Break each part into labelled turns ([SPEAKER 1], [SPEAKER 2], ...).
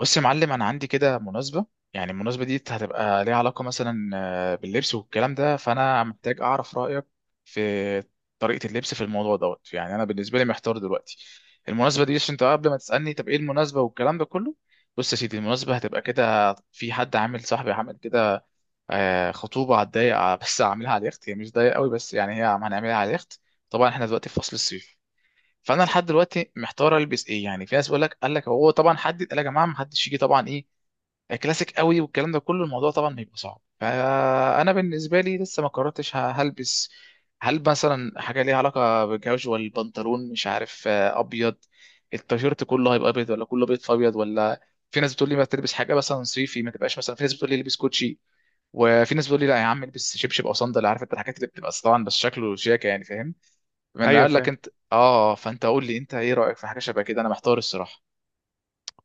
[SPEAKER 1] بص يا معلم انا عندي كده مناسبه. يعني المناسبه دي هتبقى ليها علاقه مثلا باللبس والكلام ده، فانا محتاج اعرف رايك في طريقه اللبس في الموضوع دوت. يعني انا بالنسبه لي محتار دلوقتي المناسبه دي، عشان انت قبل ما تسالني طب ايه المناسبه والكلام ده كله. بص يا سيدي، المناسبه هتبقى كده، في حد عامل صاحبي عامل كده، خطوبه على الضيق، بس عاملها على اليخت، هي مش ضيق قوي بس يعني هي هنعملها على اليخت. طبعا احنا دلوقتي في فصل الصيف، فانا لحد دلوقتي محتار البس ايه. يعني في ناس بيقول لك، قال لك هو طبعا حدد، قال يا جماعه ما حدش يجي طبعا ايه كلاسيك قوي والكلام ده كله، الموضوع طبعا هيبقى صعب، فانا بالنسبه لي لسه ما قررتش هلبس. هل مثلا حاجه ليها علاقه بالجوجوال، بنطلون مش عارف ابيض، التيشيرت كله هيبقى ابيض، ولا كله ابيض في ابيض، ولا في ناس بتقول لي ما تلبس حاجه مثلا صيفي ما تبقاش، مثلا في ناس بتقول لي البس كوتشي، وفي ناس بتقول لي لا يا عم البس شبشب او صندل، عارف انت الحاجات اللي بتبقى طبعا بس شكله شياكه، يعني فاهم. من
[SPEAKER 2] ايوه،
[SPEAKER 1] قال لك
[SPEAKER 2] فاهم.
[SPEAKER 1] انت، اه، فانت قول لي انت ايه رايك في حاجه شبه كده، انا محتار الصراحه.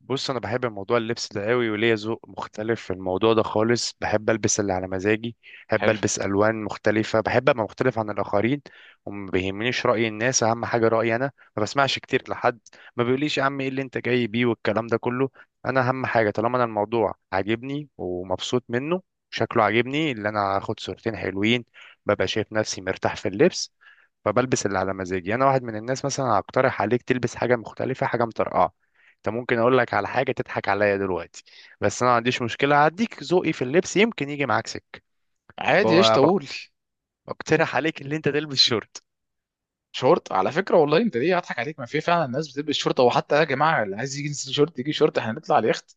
[SPEAKER 2] بص، انا بحب موضوع اللبس ده قوي وليا ذوق مختلف في الموضوع ده خالص. بحب البس اللي على مزاجي، بحب
[SPEAKER 1] حلو.
[SPEAKER 2] البس الوان مختلفه، بحب ابقى مختلف عن الاخرين وما بيهمنيش راي الناس. اهم حاجه رايي انا، ما بسمعش كتير لحد ما بيقوليش يا عم ايه اللي انت جاي بيه والكلام ده كله. انا اهم حاجه طالما انا الموضوع عاجبني ومبسوط منه، شكله عاجبني، اللي انا هاخد صورتين حلوين، ببقى شايف نفسي مرتاح في اللبس، فبلبس اللي على مزاجي. انا واحد من الناس مثلا هقترح عليك تلبس حاجه مختلفه، حاجه مطرقعه. انت ممكن اقول لك على حاجه تضحك عليا دلوقتي، بس انا ما عنديش مشكله، هديك ذوقي في اللبس، يمكن يجي معاك سكه.
[SPEAKER 1] عادي ايش
[SPEAKER 2] ب- بق-
[SPEAKER 1] طول.
[SPEAKER 2] بقترح عليك ان انت تلبس شورت.
[SPEAKER 1] شورت، على فكره والله انت ليه هضحك عليك، ما في فعلا ناس بتلبس شورت، او حتى يا جماعه اللي عايز يجي ينزل شورت يجي شورت، احنا هنطلع اليخت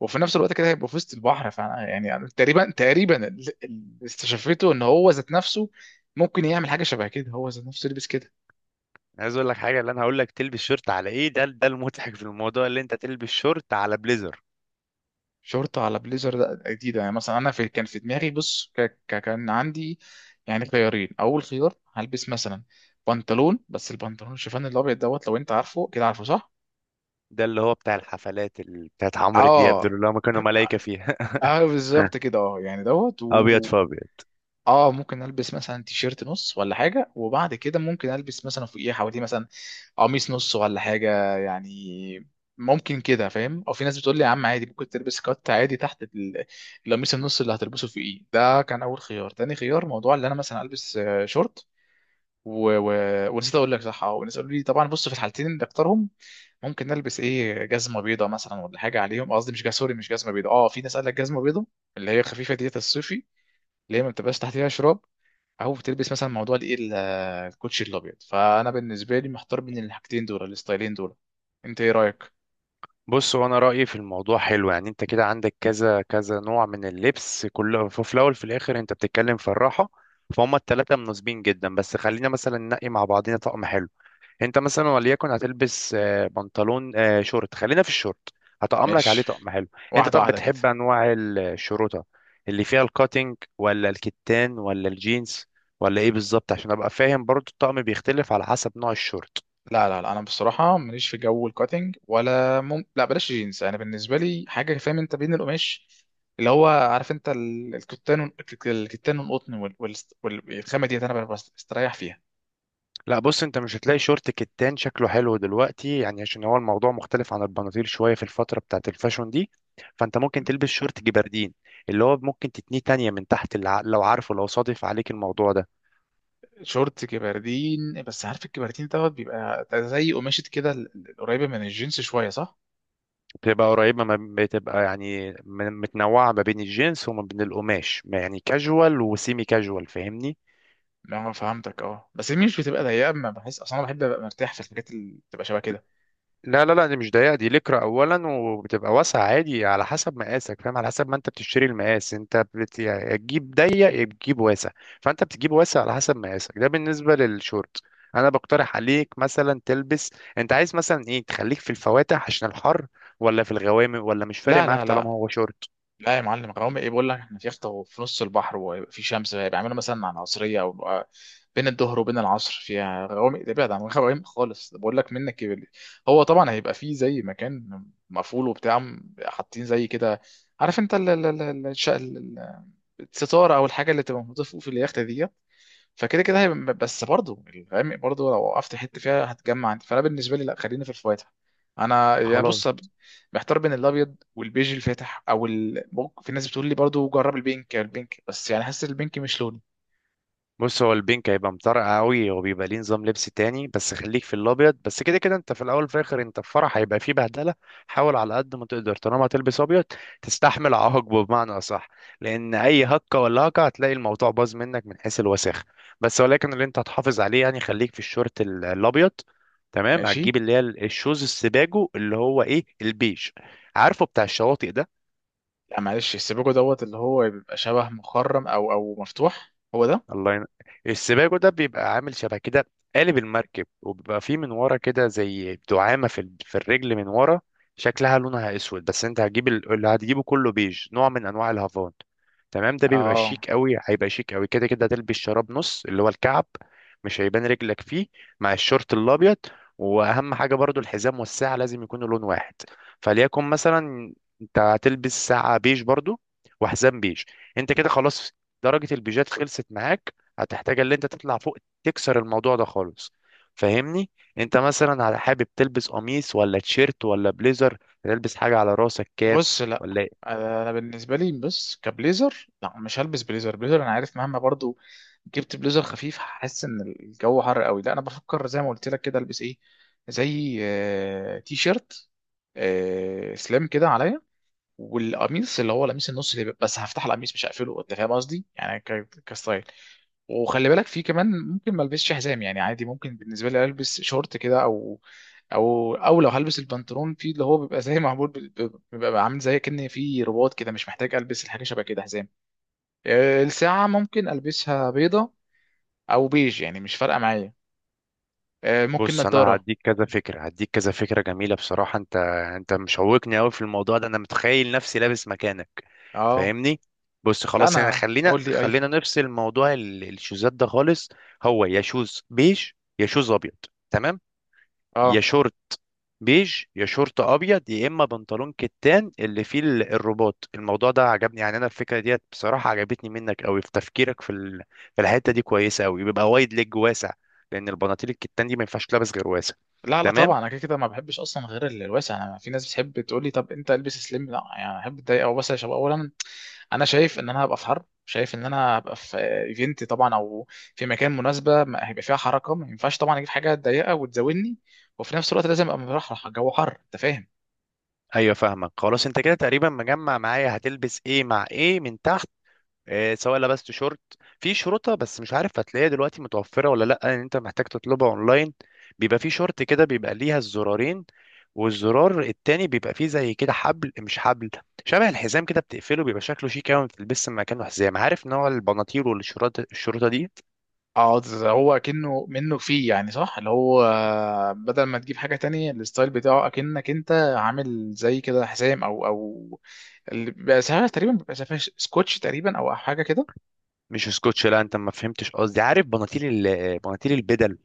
[SPEAKER 1] وفي نفس الوقت كده هيبقى في وسط البحر، فانا يعني أنا تقريبا اللي استشفيته ان هو ذات نفسه ممكن يعمل حاجه شبه كده، هو ذات نفسه لبس كده.
[SPEAKER 2] أنا عايز اقول لك حاجه، اللي انا هقول لك تلبس شورت على ايه، ده ده المضحك في الموضوع، اللي انت تلبس شورت على بليزر.
[SPEAKER 1] شورت على بليزر ده جديده، يعني مثلا انا في كان في دماغي بص، كان عندي يعني خيارين. اول خيار هلبس مثلا بنطلون، بس البنطلون الشيفان الابيض دوت، لو انت عارفه كده، عارفه صح؟
[SPEAKER 2] ده اللي هو بتاع الحفلات اللي بتاعت عمرو دياب، دول
[SPEAKER 1] اه.
[SPEAKER 2] اللي هم كانوا ملايكه فيها.
[SPEAKER 1] اه بالظبط كده، اه يعني دوت
[SPEAKER 2] ابيض فابيض.
[SPEAKER 1] اه ممكن البس مثلا تيشيرت نص ولا حاجه، وبعد كده ممكن البس مثلا فوقيه حواليه مثلا قميص نص ولا حاجه يعني، ممكن كده فاهم. او في ناس بتقول لي يا عم عادي ممكن تلبس كات عادي تحت القميص النص اللي هتلبسه فوقيه، ده كان اول خيار. تاني خيار، موضوع اللي انا مثلا البس شورت. و... و... ونسيت اقول لك صح، اه، وناس قالوا لي طبعا، بص في الحالتين اللي اختارهم ممكن نلبس ايه، جزمه بيضه مثلا ولا حاجه عليهم، قصدي مش سوري مش جزمه بيضه، اه في ناس قال لك جزمه بيضه اللي هي خفيفه ديت الصيفي، اللي هي ما بتبقاش تحتها شراب، او بتلبس مثلا موضوع الايه الكوتشي الابيض. فانا بالنسبه لي محتار بين الحاجتين دول، الستايلين دول، انت ايه رايك؟
[SPEAKER 2] بص، وانا رايي في الموضوع حلو، يعني انت كده عندك كذا كذا نوع من اللبس، كله في الاول في الاخر انت بتتكلم في الراحه. فهم الثلاثه مناسبين جدا، بس خلينا مثلا ننقي مع بعضنا طقم حلو. انت مثلا وليكن هتلبس بنطلون، شورت، خلينا في الشورت، هطقم لك عليه
[SPEAKER 1] ماشي،
[SPEAKER 2] طقم حلو. انت
[SPEAKER 1] واحده
[SPEAKER 2] طب
[SPEAKER 1] واحده كده.
[SPEAKER 2] بتحب انواع الشروطه اللي فيها الكاتنج ولا الكتان ولا الجينز ولا ايه بالظبط، عشان ابقى فاهم برضو الطقم بيختلف على حسب نوع الشورت.
[SPEAKER 1] لا لا لا، انا بصراحه ماليش في جو الكاتنج ولا لا بلاش جينز، انا بالنسبه لي حاجه، فاهم انت بين القماش اللي هو عارف انت الكتان الكتان والقطن والخامه ديت انا بستريح فيها.
[SPEAKER 2] لا، بص، انت مش هتلاقي شورت كتان شكله حلو دلوقتي، يعني عشان هو الموضوع مختلف عن البناطيل شويه في الفتره بتاعت الفاشون دي. فانت ممكن تلبس شورت جبردين، اللي هو ممكن تتنيه تانية من تحت لو عارفه، لو صادف عليك الموضوع ده.
[SPEAKER 1] شورت كبردين، بس عارف الكبردين دوت بيبقى زي قماشة كده القريبة من الجينز شوية صح؟
[SPEAKER 2] بتبقى قريبه، ما بتبقى يعني متنوعه ما بين الجنس وما بين القماش، ما يعني كاجوال وسيمي كاجوال، فاهمني.
[SPEAKER 1] لا فهمتك، اه بس هي مش بتبقى ضيقة، ما بحس اصلا، انا بحب ابقى مرتاح في الحاجات اللي بتبقى شبه كده.
[SPEAKER 2] لا، دي مش ضيقة، دي لكرة أولا، وبتبقى واسعة عادي على حسب مقاسك، فاهم، على حسب ما أنت بتشتري المقاس، أنت يا تجيب ضيق يا تجيب واسع. فأنت بتجيب واسع على حسب مقاسك. ده بالنسبة للشورت. أنا بقترح عليك مثلا تلبس، أنت عايز مثلا إيه، تخليك في الفواتح عشان الحر ولا في الغوامق، ولا مش فارق
[SPEAKER 1] لا
[SPEAKER 2] معاك
[SPEAKER 1] لا لا
[SPEAKER 2] طالما هو شورت؟
[SPEAKER 1] لا، يا معلم غرام ايه، بقول لك احنا في يخت في نص البحر وفي شمس، بيعملوا مثلا على العصرية او بقى بين الظهر وبين العصر فيها غرام، ده ابعد عن غرام خالص بقول لك، منك كبر. هو طبعا هيبقى فيه زي مكان مقفول وبتاع، حاطين زي كده، عارف انت، الستاره او الحاجه اللي تبقى موجوده فوق في اليخت دي، فكده كده هيبقى، بس برضه الغامق برضه لو وقفت حته فيها هتجمع انت، فانا بالنسبه لي لا، خلينا في الفواتح. انا يعني
[SPEAKER 2] خلاص؟
[SPEAKER 1] بص، محتار بين الابيض والبيج الفاتح، في ناس بتقول لي برضه جرب البينك بس يعني حاسس البينك مش لوني.
[SPEAKER 2] بص، هو البينك هيبقى مطرقع قوي وبيبقى ليه نظام لبس تاني، بس خليك في الابيض بس. كده كده انت في الاول وفي الاخر انت في فرح هيبقى فيه بهدله. حاول على قد ما تقدر طالما هتلبس ابيض تستحمل عواقبه بمعنى اصح، لان اي هكه ولا هكه هتلاقي الموضوع باظ منك من حيث الوساخه. بس ولكن اللي انت هتحافظ عليه يعني خليك في الشورت الابيض. تمام،
[SPEAKER 1] ماشي.
[SPEAKER 2] هتجيب اللي هي الشوز السباجو، اللي هو ايه، البيج، عارفه، بتاع الشواطئ ده.
[SPEAKER 1] لا معلش، السيبوجو دوت اللي هو بيبقى شبه مخرم او مفتوح، هو ده.
[SPEAKER 2] الله ين... السباجو ده بيبقى عامل شبه كده قالب المركب، وبيبقى فيه من ورا كده زي دعامة في الرجل من ورا. شكلها لونها اسود، بس انت هتجيب اللي هتجيبه كله بيج، نوع من انواع الهافان. تمام، ده بيبقى
[SPEAKER 1] اه،
[SPEAKER 2] شيك قوي، هيبقى شيك قوي. كده كده هتلبس شراب نص، اللي هو الكعب، مش هيبان رجلك فيه مع الشورت الابيض. واهم حاجة برضو الحزام والساعة لازم يكونوا لون واحد. فليكن مثلا انت هتلبس ساعة بيج برضو وحزام بيج. انت كده خلاص، درجة البيجات خلصت معاك. هتحتاج اللي انت تطلع فوق تكسر الموضوع ده خالص، فاهمني. انت مثلا على حابب تلبس قميص ولا تيشيرت ولا بليزر؟ تلبس حاجة على راسك كاب
[SPEAKER 1] بص لا،
[SPEAKER 2] ولا ايه؟
[SPEAKER 1] انا بالنسبه لي بص، كبليزر لا مش هلبس بليزر انا عارف مهما برضو جبت بليزر خفيف هحس ان الجو حر قوي، لا انا بفكر زي ما قلت لك كده، البس ايه، زي تي شيرت سليم كده عليا، والقميص اللي هو القميص النص اللي بس هفتح القميص مش هقفله انت فاهم قصدي، يعني كستايل. وخلي بالك في كمان ممكن ما البسش حزام، يعني عادي ممكن بالنسبه لي البس شورت كده او لو هلبس البنطلون في اللي هو بيبقى زي معمول بيبقى عامل زي كأن في رباط كده، مش محتاج البس الحاجه شبه كده حزام. الساعه ممكن البسها بيضه او بيج يعني مش فارقه معايا. ممكن
[SPEAKER 2] بص، انا
[SPEAKER 1] نضاره.
[SPEAKER 2] هديك كذا فكرة، هديك كذا فكرة جميلة بصراحة. انت، انت مشوقني قوي في الموضوع ده، انا متخيل نفسي لابس مكانك،
[SPEAKER 1] اه
[SPEAKER 2] فاهمني. بص،
[SPEAKER 1] لا،
[SPEAKER 2] خلاص، احنا
[SPEAKER 1] انا
[SPEAKER 2] خلينا
[SPEAKER 1] اقول لي ايوه.
[SPEAKER 2] خلينا نفصل موضوع الشوزات ده خالص. هو يا شوز بيج يا شوز ابيض، تمام،
[SPEAKER 1] اه.
[SPEAKER 2] يا شورت بيج يا شورت ابيض، يا اما بنطلون كتان اللي فيه الرباط. الموضوع ده عجبني، يعني انا الفكره ديت بصراحه عجبتني منك قوي في تفكيرك في الحته دي، كويسه قوي، بيبقى وايد ليج واسع، لان البناطيل الكتان دي ما ينفعش تلبس غير واسع.
[SPEAKER 1] لا لا
[SPEAKER 2] تمام.
[SPEAKER 1] طبعا، انا كده كده ما بحبش اصلا غير الواسع، انا في ناس بتحب تقول لي طب انت البس سليم، لا يعني احب اتضايق او بس شباب اولا. انا شايف ان انا هبقى في حرب، شايف ان انا هبقى في ايفنت طبعا، او في مكان مناسبه هيبقى فيها حركه، ما ينفعش طبعا اجيب حاجه ضيقه وتزودني، وفي نفس الوقت لازم ابقى مرحرح، جو حر انت فاهم.
[SPEAKER 2] ايوه، فاهمك. خلاص، انت كده تقريبا مجمع معايا هتلبس ايه مع ايه من تحت. سواء لبست شورت، في شرطة، بس مش عارف هتلاقيها دلوقتي متوفرة ولا لأ، لأن أنت محتاج تطلبها أونلاين. بيبقى في شورت كده بيبقى ليها الزرارين، والزرار التاني بيبقى فيه زي كده حبل مش حبل، شبه الحزام كده، بتقفله، بيبقى شكله شيك أوي، بتلبس مكانه حزام. عارف نوع البناطيل والشرطة، الشرطة دي
[SPEAKER 1] اه، ده هو اكنه منه فيه يعني صح، اللي هو بدل ما تجيب حاجه تانية الستايل بتاعه اكنك انت عامل زي كده حزام او، اللي بيبقى ساعات تقريبا، بيبقى ساعات سكوتش تقريبا او حاجه كده.
[SPEAKER 2] مش سكوتش. لا، أنت ما فهمتش قصدي. عارف بناطيل بناطيل البدل،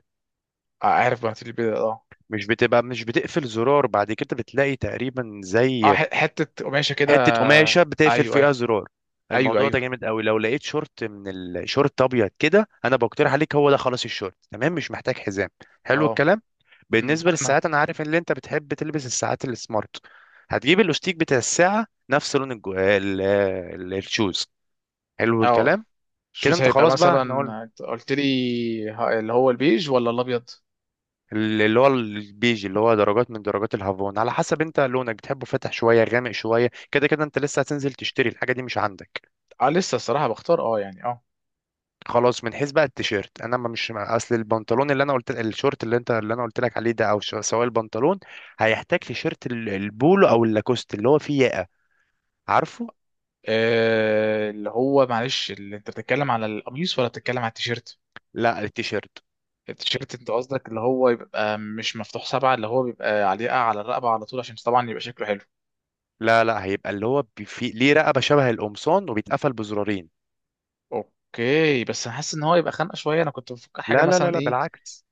[SPEAKER 1] عارف بقى اللي اه،
[SPEAKER 2] مش بتقفل زرار، بعد كده بتلاقي تقريبا
[SPEAKER 1] اه
[SPEAKER 2] زي
[SPEAKER 1] حته قماشه
[SPEAKER 2] حته
[SPEAKER 1] كده.
[SPEAKER 2] قماشه بتقفل
[SPEAKER 1] ايوه ايوه.
[SPEAKER 2] فيها زرار.
[SPEAKER 1] ايوه
[SPEAKER 2] الموضوع ده
[SPEAKER 1] ايوه.
[SPEAKER 2] جامد قوي. لو لقيت شورت من الشورت ابيض كده انا بقترح عليك هو ده، خلاص الشورت، تمام، مش محتاج حزام. حلو
[SPEAKER 1] اه.
[SPEAKER 2] الكلام. بالنسبه
[SPEAKER 1] انا.
[SPEAKER 2] للساعات، انا عارف ان انت بتحب تلبس الساعات السمارت. هتجيب الاستيك بتاع الساعه نفس لون الشوز. حلو
[SPEAKER 1] اه.
[SPEAKER 2] الكلام. كده
[SPEAKER 1] شوز
[SPEAKER 2] انت
[SPEAKER 1] هيبقى
[SPEAKER 2] خلاص بقى،
[SPEAKER 1] مثلا.
[SPEAKER 2] احنا قلنا
[SPEAKER 1] أنت قلت لي اللي هو البيج ولا الابيض.
[SPEAKER 2] اللي هو البيج، اللي هو درجات من درجات الهافون على حسب انت لونك بتحبه فاتح شويه غامق شويه، كده كده انت لسه هتنزل تشتري الحاجه دي مش عندك.
[SPEAKER 1] اه لسه الصراحه بختار، اه يعني اه.
[SPEAKER 2] خلاص. من حيث بقى التيشيرت، انا ما مش اصل البنطلون اللي انا قلت، الشورت اللي انت اللي انا قلت لك عليه ده، او سواء البنطلون، هيحتاج تيشيرت البولو او اللاكوست اللي هو فيه ياقه، عارفه.
[SPEAKER 1] اللي هو معلش، اللي انت بتتكلم على القميص ولا بتتكلم على التيشيرت.
[SPEAKER 2] لا، التيشيرت،
[SPEAKER 1] التيشيرت انت قصدك اللي هو يبقى مش مفتوح سبعة، اللي هو بيبقى عليقة على الرقبة على طول عشان طبعا يبقى شكله حلو.
[SPEAKER 2] لا لا، هيبقى اللي هو فيه ليه رقبه شبه القمصان وبيتقفل بزرارين.
[SPEAKER 1] اوكي، بس انا حاسس ان هو يبقى خانقة شوية، انا كنت بفكر حاجة
[SPEAKER 2] لا لا لا
[SPEAKER 1] مثلا
[SPEAKER 2] لا
[SPEAKER 1] ايه.
[SPEAKER 2] بالعكس،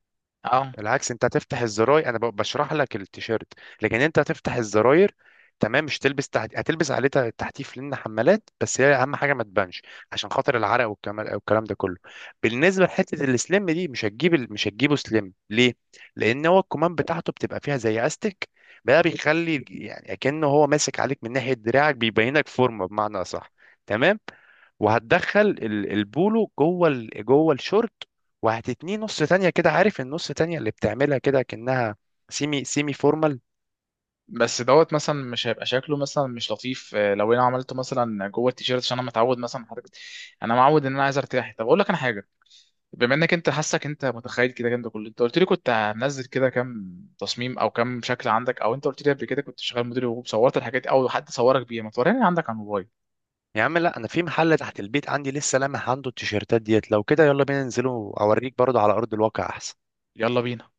[SPEAKER 1] اه.
[SPEAKER 2] بالعكس، انت هتفتح الزراير. انا بشرح لك التيشيرت، لكن انت هتفتح الزراير. تمام، مش هتلبس عليه تحتيف لان حمالات، بس هي اهم حاجه ما تبانش، عشان خاطر العرق والكلام والكلام ده كله. بالنسبه لحته السليم دي، مش هتجيب مش هتجيبه سليم ليه، لان هو الكمام بتاعته بتبقى فيها زي استك، بقى بيخلي يعني كأنه هو ماسك عليك من ناحيه دراعك، بيبينك فورمه بمعنى اصح. تمام. وهتدخل البولو جوه جوه الشورت، وهتتنيه نص تانية كده، عارف النص تانية اللي بتعملها كده كأنها سيمي فورمال.
[SPEAKER 1] بس دوت مثلا مش هيبقى شكله مثلا مش لطيف، لو انا عملته مثلا جوه التيشيرت، عشان انا متعود مثلا حضرتك، انا معود ان انا عايز ارتاح، طب اقول لك انا حاجه، بما انك انت حاسك انت متخيل كده كده كله انت قلت لي كنت هنزل كده كام تصميم او كام شكل عندك، او انت قلت لي قبل كده كنت شغال مدير وصورت الحاجات دي او حد صورك بيها، ما توريني عندك على الموبايل.
[SPEAKER 2] يا عم لا، انا في محل تحت البيت عندي لسه لامح عنده التيشيرتات ديت. لو كده يلا بينا ننزله اوريك برضه على ارض الواقع احسن.
[SPEAKER 1] يلا بينا.